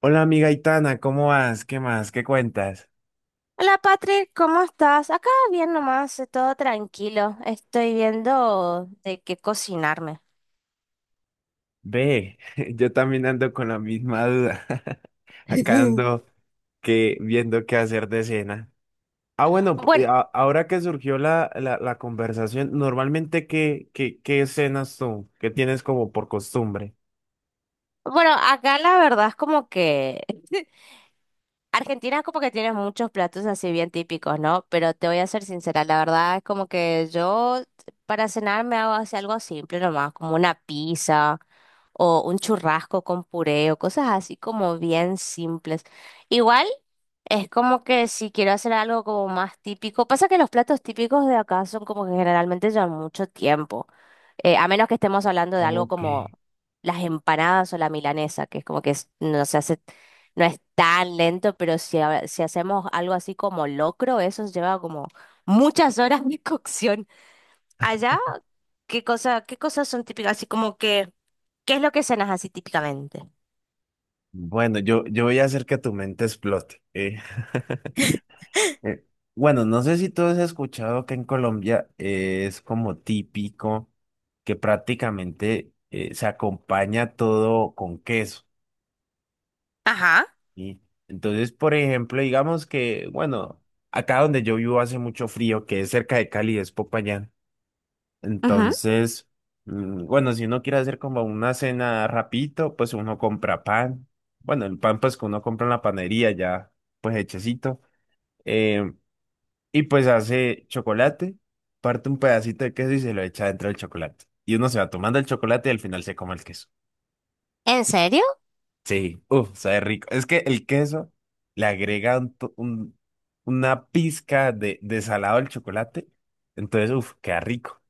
Hola amiga Itana, ¿cómo vas? ¿Qué más? ¿Qué cuentas? Hola Patrick, ¿cómo estás? Acá bien nomás, todo tranquilo. Estoy viendo de qué cocinarme. Ve, yo también ando con la misma duda. Acá ando que viendo qué hacer de cena. Ah, bueno, Bueno, ahora que surgió la conversación, normalmente ¿qué cenas tú? ¿Qué tienes como por costumbre? bueno, acá la verdad es como que Argentina como que tiene muchos platos así bien típicos, ¿no? Pero te voy a ser sincera, la verdad es como que yo para cenar me hago así algo simple nomás, como una pizza o un churrasco con puré o cosas así como bien simples. Igual es como que si quiero hacer algo como más típico, pasa que los platos típicos de acá son como que generalmente llevan mucho tiempo, a menos que estemos hablando de algo Ok. como las empanadas o la milanesa, que es como que no se hace, no es tan lento, pero si, si hacemos algo así como locro, eso lleva como muchas horas de cocción. Allá, ¿qué cosas son típicas? Así como que, ¿qué es lo que cenas así típicamente? Bueno, yo voy a hacer que tu mente explote. Eh, bueno, no sé si tú has escuchado que en Colombia es como típico que prácticamente se acompaña todo con queso, Ajá. ¿sí? Entonces, por ejemplo, digamos que, bueno, acá donde yo vivo hace mucho frío, que es cerca de Cali, es Popayán. Ujú. Entonces, bueno, si uno quiere hacer como una cena rapidito, pues uno compra pan. Bueno, el pan pues que uno compra en la panería ya, pues hechecito. Eh, Y pues hace chocolate, parte un pedacito de queso y se lo echa dentro del chocolate. Y uno se va tomando el chocolate y al final se come el queso. ¿En serio? Sí, uff, sabe rico. Es que el queso le agrega una pizca de salado al chocolate. Entonces, uff, queda rico.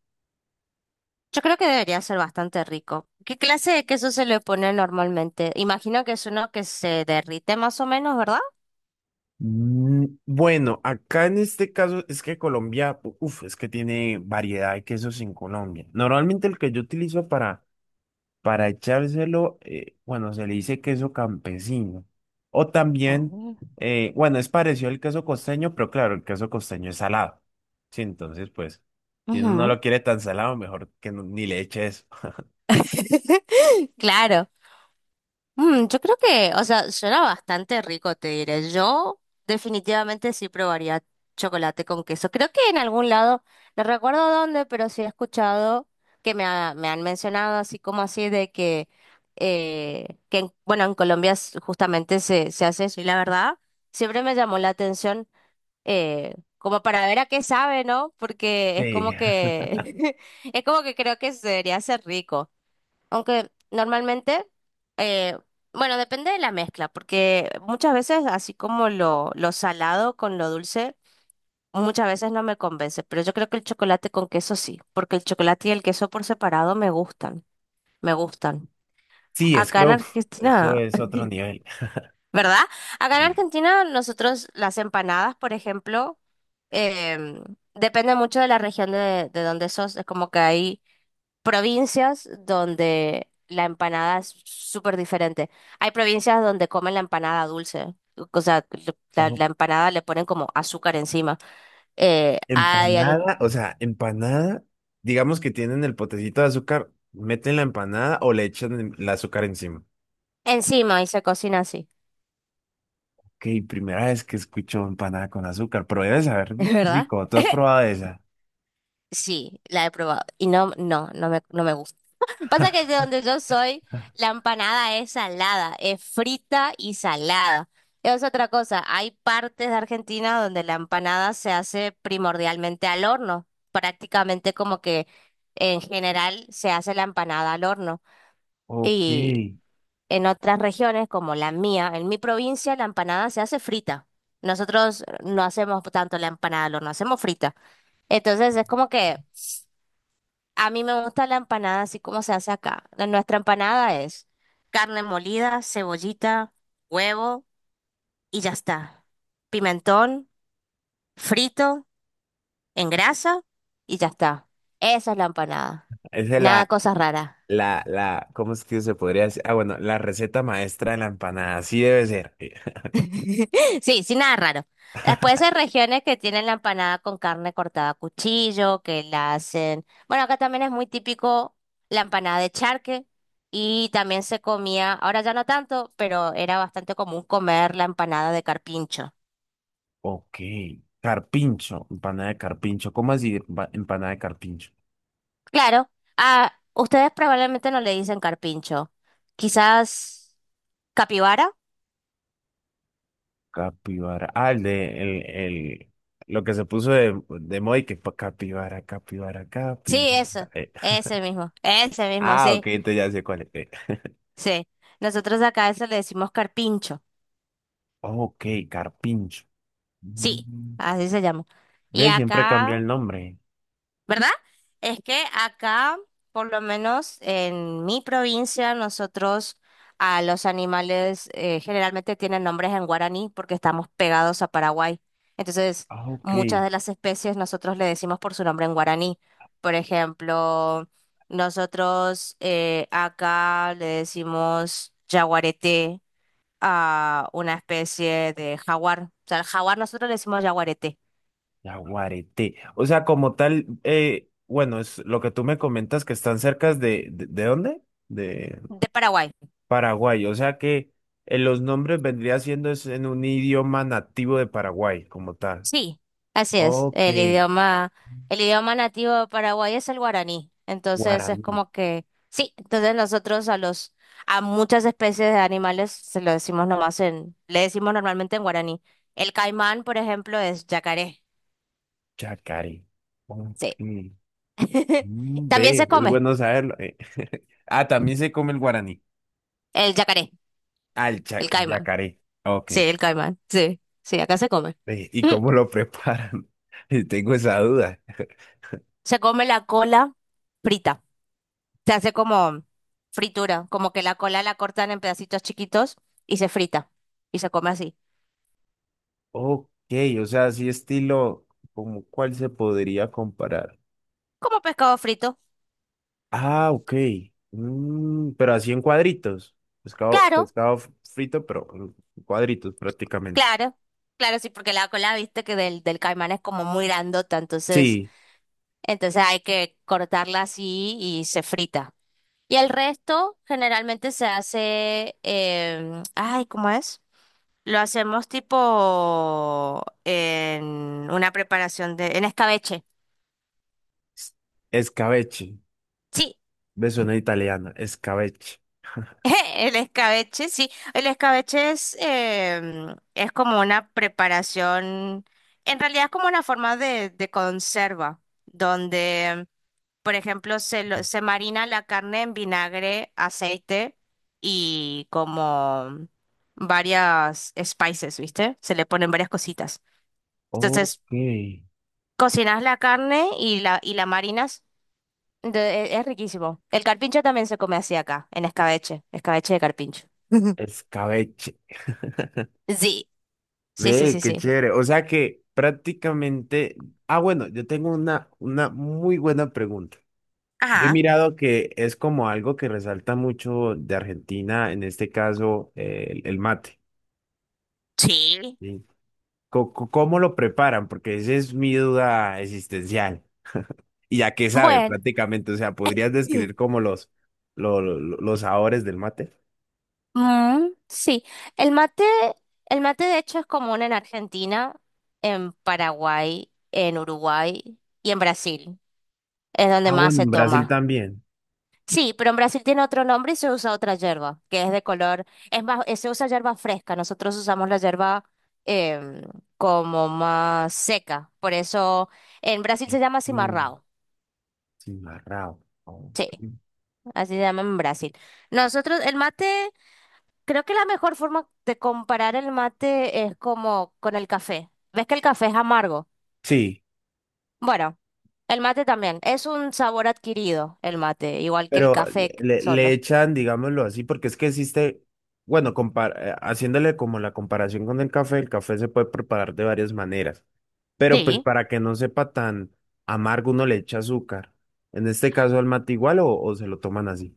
Yo creo que debería ser bastante rico. ¿Qué clase de queso se le pone normalmente? Imagino que es uno que se derrite más o menos, ¿verdad? Mm, bueno, acá en este caso es que Colombia, uff, es que tiene variedad de quesos en Colombia. Normalmente el que yo utilizo para echárselo, bueno, se le dice queso campesino. O también, Oh. Bueno, es parecido al queso costeño, pero claro, el queso costeño es salado. Sí, entonces, pues, si uno no Ujú. lo quiere tan salado, mejor que ni le eche eso. Claro. Mm, yo creo que, o sea, suena bastante rico, te diré. Yo definitivamente sí probaría chocolate con queso. Creo que en algún lado, no recuerdo dónde, pero sí he escuchado que me han mencionado así como así de que bueno, en Colombia justamente se hace eso y la verdad, siempre me llamó la atención. Como para ver a qué sabe, ¿no? Porque es Sí, como que, es como que creo que se debería ser rico. Aunque normalmente, eh, bueno, depende de la mezcla, porque muchas veces, así como lo salado con lo dulce, muchas veces no me convence, pero yo creo que el chocolate con queso sí, porque el chocolate y el queso por separado me gustan, me gustan. sí, es Acá que en uf, eso Argentina... es otro nivel. ¿verdad? Acá en Sí. Argentina nosotros las empanadas, por ejemplo, em, depende mucho de la región de donde sos. Es como que hay provincias donde la empanada es súper diferente. Hay provincias donde comen la empanada dulce. O sea, O la empanada le ponen como azúcar encima. Eh, hay al- empanada, o sea, empanada, digamos que tienen el potecito de azúcar, meten la empanada o le echan el azúcar encima. encima y se cocina así, Ok, primera vez que escucho empanada con azúcar, pero debe saber ¿verdad? rico. ¿Tú has probado esa? Sí, la he probado. Y no me, no me gusta. Pasa que de donde yo soy, la empanada es salada, es frita y salada. Es otra cosa, hay partes de Argentina donde la empanada se hace primordialmente al horno, prácticamente como que en general se hace la empanada al horno. Ok. Y en otras regiones como la mía, en mi provincia, la empanada se hace frita. Nosotros no hacemos tanto la empanada al horno, hacemos frita. Entonces es como que... A mí me gusta la empanada así como se hace acá. Nuestra empanada es carne molida, cebollita, huevo y ya está. Pimentón, frito, en grasa y ya está. Esa es la empanada. Esa es Nada la, cosas raras. la, la, ¿cómo es que se podría decir? Ah, bueno, la receta maestra de la empanada, así debe ser. Sí, sí, nada raro. Después hay regiones que tienen la empanada con carne cortada a cuchillo, que la hacen. Bueno, acá también es muy típico la empanada de charque y también se comía, ahora ya no tanto, pero era bastante común comer la empanada de carpincho. Ok. Carpincho, empanada de carpincho. ¿Cómo así empanada de carpincho? Claro, a ustedes probablemente no le dicen carpincho. Quizás capibara. Capibara. Ah, el de, lo que se puso de moda y que capibara, capibara, Sí, capibara. eso, ese mismo, Ah, sí, ok, entonces ya sé cuál es. Sí. Nosotros acá a eso le decimos carpincho. Ok, carpincho. Sí, Mm. así se llama. Y ¿Ves? Siempre cambia acá, el nombre. ¿verdad? Es que acá, por lo menos en mi provincia, nosotros a los animales generalmente tienen nombres en guaraní porque estamos pegados a Paraguay. Entonces, Ah, ok. muchas de las especies nosotros le decimos por su nombre en guaraní. Por ejemplo, nosotros acá le decimos yaguareté a una especie de jaguar. O sea, al jaguar nosotros le decimos yaguareté. Yaguareté. O sea, como tal, bueno, es lo que tú me comentas que están cerca ¿de dónde? De De Paraguay. Paraguay. O sea que los nombres vendría siendo es en un idioma nativo de Paraguay, como tal. Sí. Así es, Ok. El idioma nativo de Paraguay es el guaraní. Entonces es Guaraní, como que, sí, entonces nosotros a muchas especies de animales se lo decimos nomás en, le decimos normalmente en guaraní. El caimán, por ejemplo, es yacaré. chacaré. Ok. Sí. Mm, También ve, se es come bueno saberlo. Ah, también se come el guaraní. el yacaré, Al el caimán. yacaré. Ok. Sí, el caimán. Sí, sí, acá se come. Ve, ¿y Mm, cómo lo preparan? Tengo esa duda. se come la cola frita. Se hace como fritura, como que la cola la cortan en pedacitos chiquitos y se frita y se come así, Ok, o sea, así estilo, ¿como cuál se podría comparar? como pescado frito. Ah, ok. Mm, pero así en cuadritos. Pescado, Claro, frito, pero en cuadritos prácticamente. claro, claro, sí, porque la cola, viste que del caimán es como muy grandota, entonces, Sí, entonces hay que cortarla así y se frita. Y el resto generalmente se hace, em, ay, ¿cómo es? Lo hacemos tipo en una preparación de, en escabeche. s- escabeche. Sí, Me suena italiana, escabeche. el escabeche, sí. El escabeche es, es como una preparación, en realidad es como una forma de conserva, donde, por ejemplo, se marina la carne en vinagre, aceite y como varias spices, ¿viste? Se le ponen varias cositas. Entonces, Ok, cocinas la carne y y la marinas. Es riquísimo. El carpincho también se come así acá, en escabeche, escabeche de carpincho. escabeche. Sí, sí, sí, Ve, sí, qué sí. chévere. O sea que prácticamente. Ah, bueno, yo tengo una muy buena pregunta. Yo he Ajá, mirado que es como algo que resalta mucho de Argentina, en este caso, el mate. sí. ¿Sí? ¿Cómo lo preparan? Porque esa es mi duda existencial. Y ya que sabe, Bueno, prácticamente, o sea, ¿podrías sí. describir como los, los sabores del mate? Sí. El mate, el mate de hecho es común en Argentina, en Paraguay, en Uruguay y en Brasil. Es donde Ah, más bueno, se en Brasil toma. también. Sí, pero en Brasil tiene otro nombre y se usa otra yerba, que es de color, es más, se usa yerba fresca. Nosotros usamos la yerba em, como más seca. Por eso en Brasil se llama Mm, cimarrão. cimarrao. Sí, Ok. así se llama en Brasil. Nosotros, el mate. Creo que la mejor forma de comparar el mate es como con el café. ¿Ves que el café es amargo? Sí, Bueno, el mate también. Es un sabor adquirido, el mate, igual que el pero café le solo. echan, digámoslo así, porque es que existe, bueno, haciéndole como la comparación con el café se puede preparar de varias maneras, pero pues Sí. para que no sepa tan amargo uno le echa azúcar. En este caso al mate igual o se lo toman así.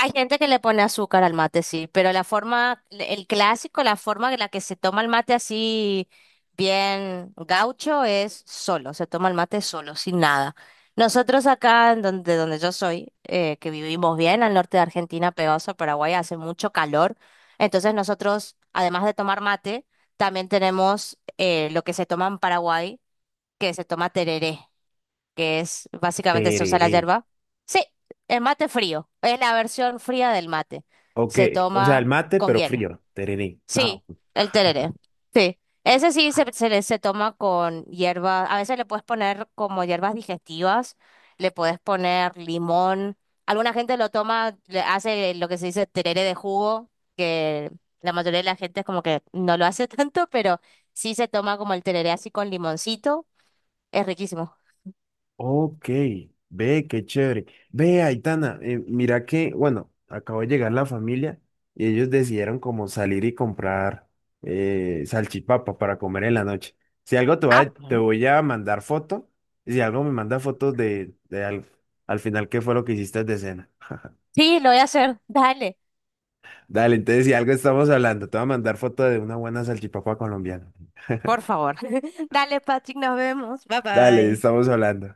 Hay gente que le pone azúcar al mate, sí, pero la forma, el clásico, la forma en la que se toma el mate así bien gaucho es solo, se toma el mate solo, sin nada. Nosotros acá, en donde, donde yo soy, que vivimos bien al norte de Argentina, pegados a Paraguay, hace mucho calor, entonces nosotros, además de tomar mate, también tenemos lo que se toma en Paraguay, que se toma tereré, que es básicamente se usa la Tereré. yerba. Sí, el mate frío, es la versión fría del mate. O que, Se o sea, el toma mate con pero hielo. frío. Tereré. Ah, Sí, el tereré. Sí, ese sí se toma con hierba. A veces le puedes poner como hierbas digestivas, le puedes poner limón. Alguna gente lo toma, le hace lo que se dice tereré de jugo, que la mayoría de la gente es como que no lo hace tanto, pero sí se toma como el tereré así con limoncito. Es riquísimo. ok, ve, qué chévere. Ve, Aitana, mira que, bueno, acabo de llegar la familia y ellos decidieron como salir y comprar salchipapa para comer en la noche. Si algo Ah, te voy a mandar foto, y si algo me manda fotos de, al final qué fue lo que hiciste de cena. sí, lo voy a hacer. Dale, Dale, entonces si algo estamos hablando, te voy a mandar foto de una buena salchipapa colombiana. por favor. Dale, Patrick, nos vemos. Bye Dale, bye. estamos hablando.